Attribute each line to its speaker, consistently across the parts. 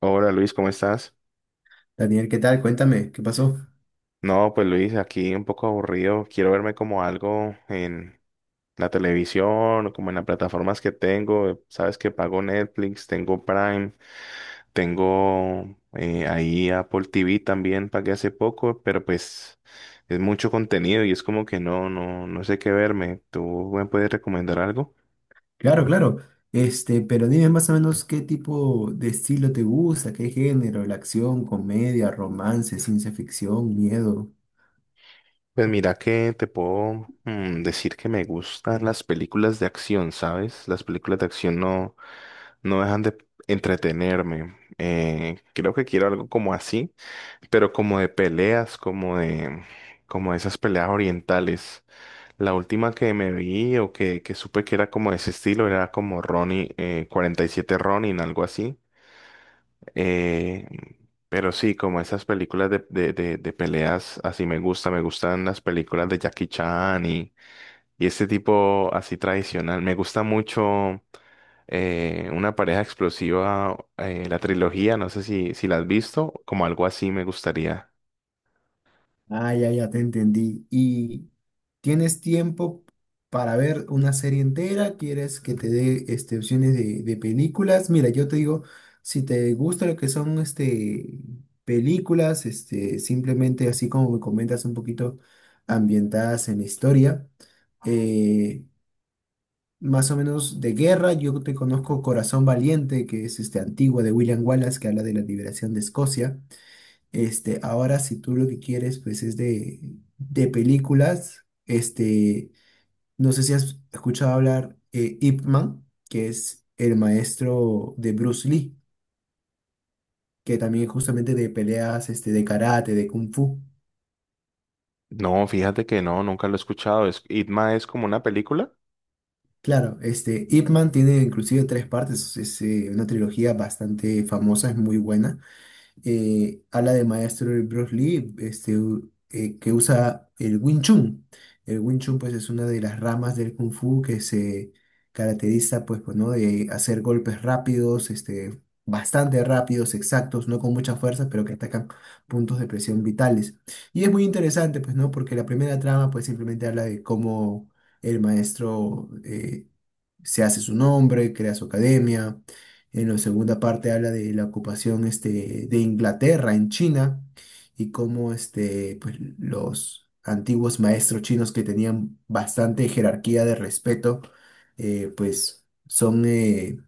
Speaker 1: Hola Luis, ¿cómo estás?
Speaker 2: Daniel, ¿qué tal? Cuéntame, ¿qué pasó?
Speaker 1: No, pues Luis, aquí un poco aburrido. Quiero verme como algo en la televisión o como en las plataformas que tengo. Sabes que pago Netflix, tengo Prime, tengo ahí Apple TV también, pagué hace poco, pero pues es mucho contenido y es como que no, no, no sé qué verme. ¿Tú me puedes recomendar algo?
Speaker 2: Claro, claro. Pero dime más o menos qué tipo de estilo te gusta, qué género, la acción, comedia, romance, ciencia ficción, miedo.
Speaker 1: Pues mira que te puedo decir que me gustan las películas de acción, ¿sabes? Las películas de acción no dejan de entretenerme. Creo que quiero algo como así, pero como de peleas, como de esas peleas orientales. La última que me vi o que supe que era como de ese estilo era como Ronin, 47 Ronin, algo así. Eh, pero sí, como esas películas de peleas, así me gusta, me gustan las películas de Jackie Chan y este tipo así tradicional. Me gusta mucho una pareja explosiva, la trilogía, no sé si la has visto, como algo así me gustaría.
Speaker 2: Ah, ya, ya te entendí. ¿Y tienes tiempo para ver una serie entera? ¿Quieres que te dé opciones de películas? Mira, yo te digo, si te gusta lo que son películas, simplemente así como me comentas un poquito ambientadas en la historia, eh, más o menos de guerra, yo te conozco Corazón Valiente, que es antigua de William Wallace, que habla de la liberación de Escocia. Ahora, si tú lo que quieres, pues es de películas. No sé si has escuchado hablar Ip Man, que es el maestro de Bruce Lee, que también es justamente de peleas, de karate, de kung fu.
Speaker 1: No, fíjate que no, nunca lo he escuchado. Es, Itma es como una película.
Speaker 2: Claro, Ip Man tiene inclusive tres partes, es una trilogía bastante famosa, es muy buena. Ala de maestro de Bruce Lee, que usa el Wing Chun. El Wing Chun pues es una de las ramas del Kung Fu que se caracteriza pues, ¿no? De hacer golpes rápidos, bastante rápidos, exactos, no con mucha fuerza, pero que atacan puntos de presión vitales. Y es muy interesante pues, ¿no? Porque la primera trama pues simplemente habla de cómo el maestro se hace su nombre, crea su academia en la segunda parte habla de la ocupación de Inglaterra en China y cómo pues, los antiguos maestros chinos que tenían bastante jerarquía de respeto, pues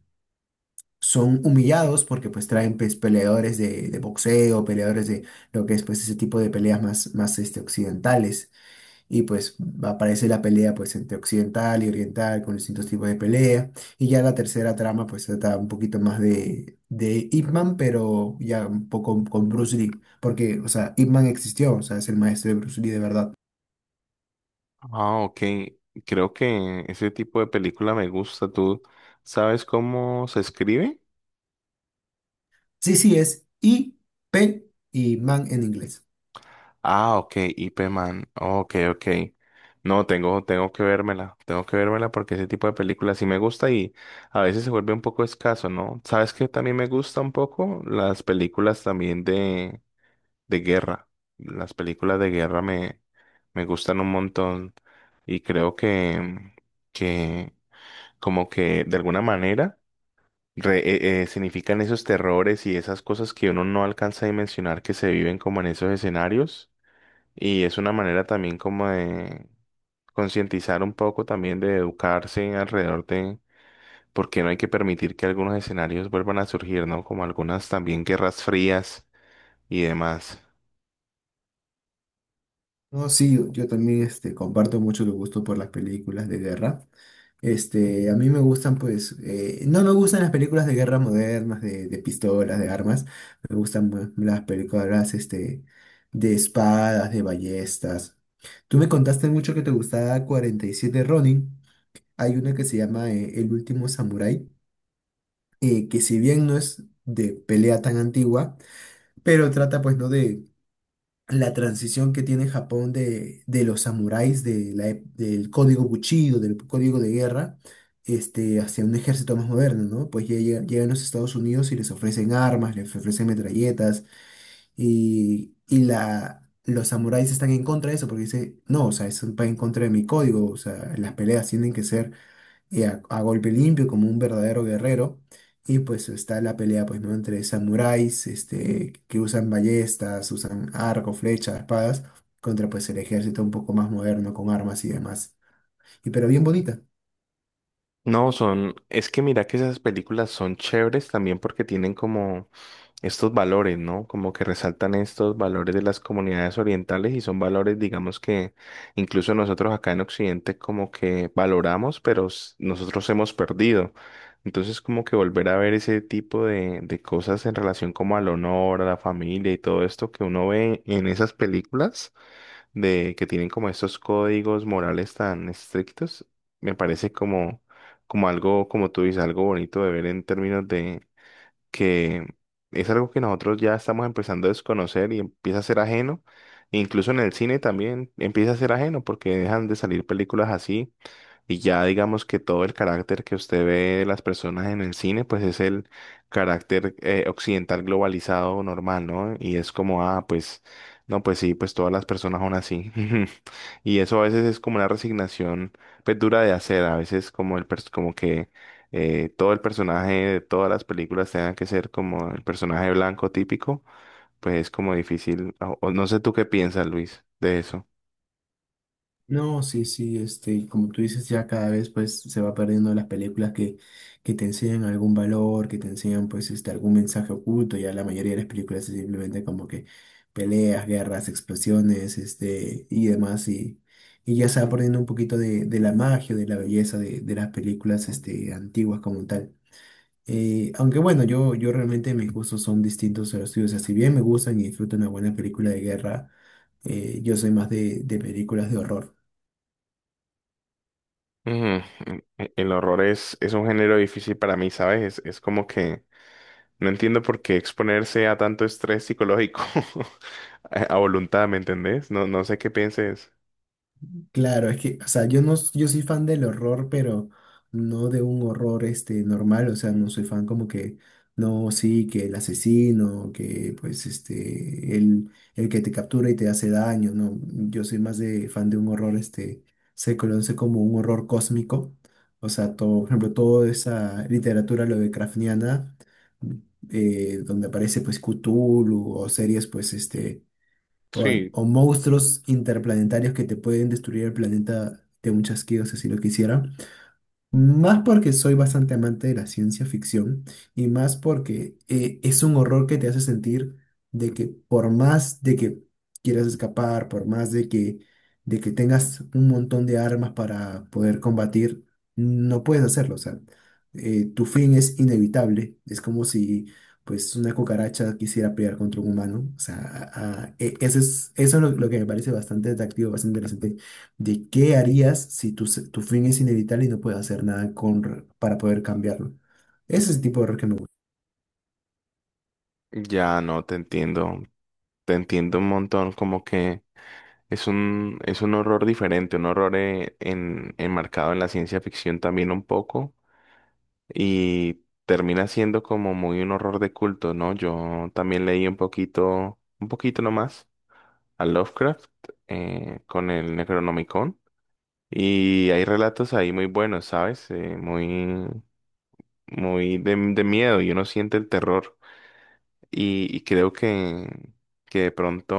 Speaker 2: son humillados porque pues traen pues, peleadores de boxeo, peleadores de lo que es pues, ese tipo de peleas más, más occidentales. Y pues aparece la pelea pues entre occidental y oriental con distintos tipos de pelea. Y ya la tercera trama pues trata un poquito más de Ip Man, pero ya un poco con Bruce Lee. Porque, o sea, Ip Man existió, o sea, es el maestro de Bruce Lee de verdad.
Speaker 1: Ah, ok. Creo que ese tipo de película me gusta. ¿Tú sabes cómo se escribe?
Speaker 2: Sí, sí es IP Man en inglés.
Speaker 1: Ah, ok, IP Man. Ok, ok. No, tengo, tengo que vérmela. Tengo que vérmela porque ese tipo de películas sí me gusta y a veces se vuelve un poco escaso, ¿no? ¿Sabes qué también me gusta un poco? Las películas también de guerra. Las películas de guerra me gustan un montón y creo que como que de alguna manera significan esos terrores y esas cosas que uno no alcanza a dimensionar que se viven como en esos escenarios. Y es una manera también como de concientizar un poco, también de educarse alrededor de porque no hay que permitir que algunos escenarios vuelvan a surgir, ¿no? Como algunas también guerras frías y demás.
Speaker 2: No, sí, yo también comparto mucho el gusto por las películas de guerra. A mí me gustan, pues, no me gustan las películas de guerra modernas, de pistolas, de armas. Me gustan más las películas, de espadas, de ballestas. Tú me contaste mucho que te gustaba 47 Ronin. Hay una que se llama El último samurái, que si bien no es de pelea tan antigua, pero trata, pues, ¿no? De la transición que tiene Japón de los samuráis, del código Bushido, del código de guerra, hacia un ejército más moderno, ¿no? Pues ya llegan a los Estados Unidos y les ofrecen armas, les ofrecen metralletas, y los samuráis están en contra de eso, porque dicen, no, o sea, eso va en contra de mi código, o sea, las peleas tienen que ser y a golpe limpio como un verdadero guerrero. Y pues está la pelea, pues, ¿no? Entre samuráis, que usan ballestas, usan arco, flechas, espadas, contra pues el ejército un poco más moderno con armas y demás. Y pero bien bonita.
Speaker 1: No, son, es que mira que esas películas son chéveres también porque tienen como estos valores, ¿no? Como que resaltan estos valores de las comunidades orientales y son valores, digamos, que incluso nosotros acá en Occidente como que valoramos, pero nosotros hemos perdido. Entonces, como que volver a ver ese tipo de cosas en relación como al honor, a la familia y todo esto que uno ve en esas películas de que tienen como estos códigos morales tan estrictos, me parece como algo, como tú dices, algo bonito de ver en términos que es algo que nosotros ya estamos empezando a desconocer y empieza a ser ajeno. Incluso en el cine también empieza a ser ajeno porque dejan de salir películas así. Y ya digamos que todo el carácter que usted ve de las personas en el cine, pues es el carácter occidental globalizado normal, ¿no? Y es como, ah, pues, no, pues sí, pues todas las personas son así. Y eso a veces es como una resignación, pues dura de hacer, a veces como como que todo el personaje de todas las películas tenga que ser como el personaje blanco típico, pues es como difícil, o no sé tú qué piensas, Luis, de eso.
Speaker 2: No, sí, sí, y como tú dices, ya cada vez pues se va perdiendo las películas que te enseñan algún valor, que te enseñan pues algún mensaje oculto, ya la mayoría de las películas es simplemente como que peleas, guerras, explosiones, y demás, y ya se va perdiendo un poquito de la magia, de la belleza de las películas antiguas como tal. Aunque bueno, yo realmente mis gustos son distintos a los tuyos, o sea, si bien me gustan y disfruto una buena película de guerra, yo soy más de películas de horror.
Speaker 1: Ujú, el horror es un género difícil para mí, ¿sabes? Es como que no entiendo por qué exponerse a tanto estrés psicológico a voluntad, ¿me entendés? No, no sé qué pienses.
Speaker 2: Claro, es que, o sea, yo no, yo soy fan del horror, pero no de un horror normal, o sea, no soy fan como que, no, sí, que el asesino, que pues el que te captura y te hace daño, no, yo soy más de fan de un horror se conoce como un horror cósmico, o sea, todo, por ejemplo, toda esa literatura lo de Lovecraftiana, donde aparece pues Cthulhu o series pues este o, a-
Speaker 1: Sí,
Speaker 2: o monstruos interplanetarios que te pueden destruir el planeta de un chasquido si así lo quisieran. Más porque soy bastante amante de la ciencia ficción y más porque es un horror que te hace sentir de que por más de que quieras escapar, por más de que tengas un montón de armas para poder combatir, no puedes hacerlo. O sea, tu fin es inevitable. Es como si pues una cucaracha quisiera pelear contra un humano. O sea, eso es lo que me parece bastante atractivo, bastante interesante de qué harías si tu fin es inevitable y no puedes hacer nada para poder cambiarlo. Ese es el tipo de horror que me gusta.
Speaker 1: ya no te entiendo. Te entiendo un montón, como que es un horror diferente, un horror enmarcado en la ciencia ficción también un poco y termina siendo como muy un horror de culto, ¿no? Yo también leí un poquito nomás a Lovecraft con el Necronomicon. Y hay relatos ahí muy buenos, ¿sabes? Muy, muy de miedo y uno siente el terror. Y creo que de pronto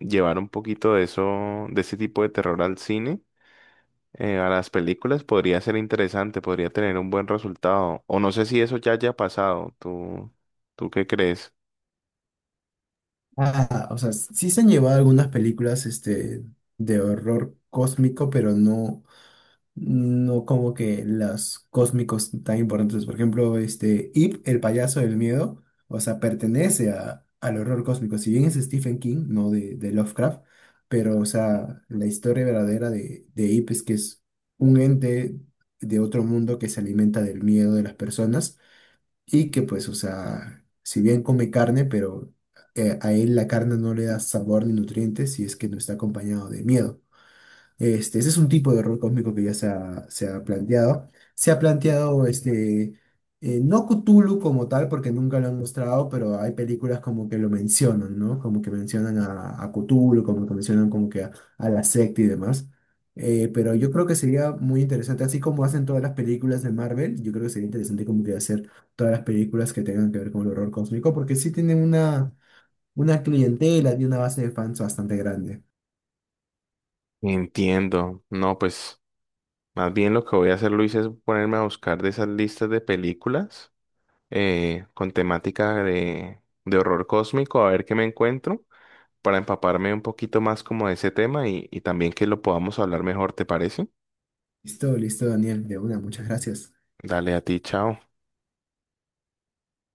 Speaker 1: llevar un poquito de eso, de ese tipo de terror al cine, a las películas, podría ser interesante, podría tener un buen resultado. O no sé si eso ya haya pasado. ¿Tú, tú qué crees?
Speaker 2: Ah, o sea, sí se han llevado algunas películas de horror cósmico, pero no, no como que los cósmicos tan importantes. Por ejemplo, este Ip, el payaso del miedo, o sea, pertenece al horror cósmico. Si bien es Stephen King, no de Lovecraft, pero, o sea, la historia verdadera de Ip es que es un ente de otro mundo que se alimenta del miedo de las personas y que, pues, o sea, si bien come carne, pero a él la carne no le da sabor ni nutrientes si es que no está acompañado de miedo. Ese es un tipo de error cósmico que ya se ha planteado. Se ha planteado no Cthulhu como tal, porque nunca lo han mostrado, pero hay películas como que lo mencionan, ¿no? Como que mencionan a Cthulhu, como que mencionan como que a la secta y demás. Pero yo creo que sería muy interesante, así como hacen todas las películas de Marvel, yo creo que sería interesante como que hacer todas las películas que tengan que ver con el horror cósmico, porque sí tienen una clientela y una base de fans bastante grande.
Speaker 1: Entiendo. No, pues, más bien lo que voy a hacer, Luis, es ponerme a buscar de esas listas de películas con temática de horror cósmico, a ver qué me encuentro, para empaparme un poquito más como de ese tema y también que lo podamos hablar mejor, ¿te parece?
Speaker 2: Listo, listo, Daniel, de una, muchas gracias.
Speaker 1: Dale a ti, chao.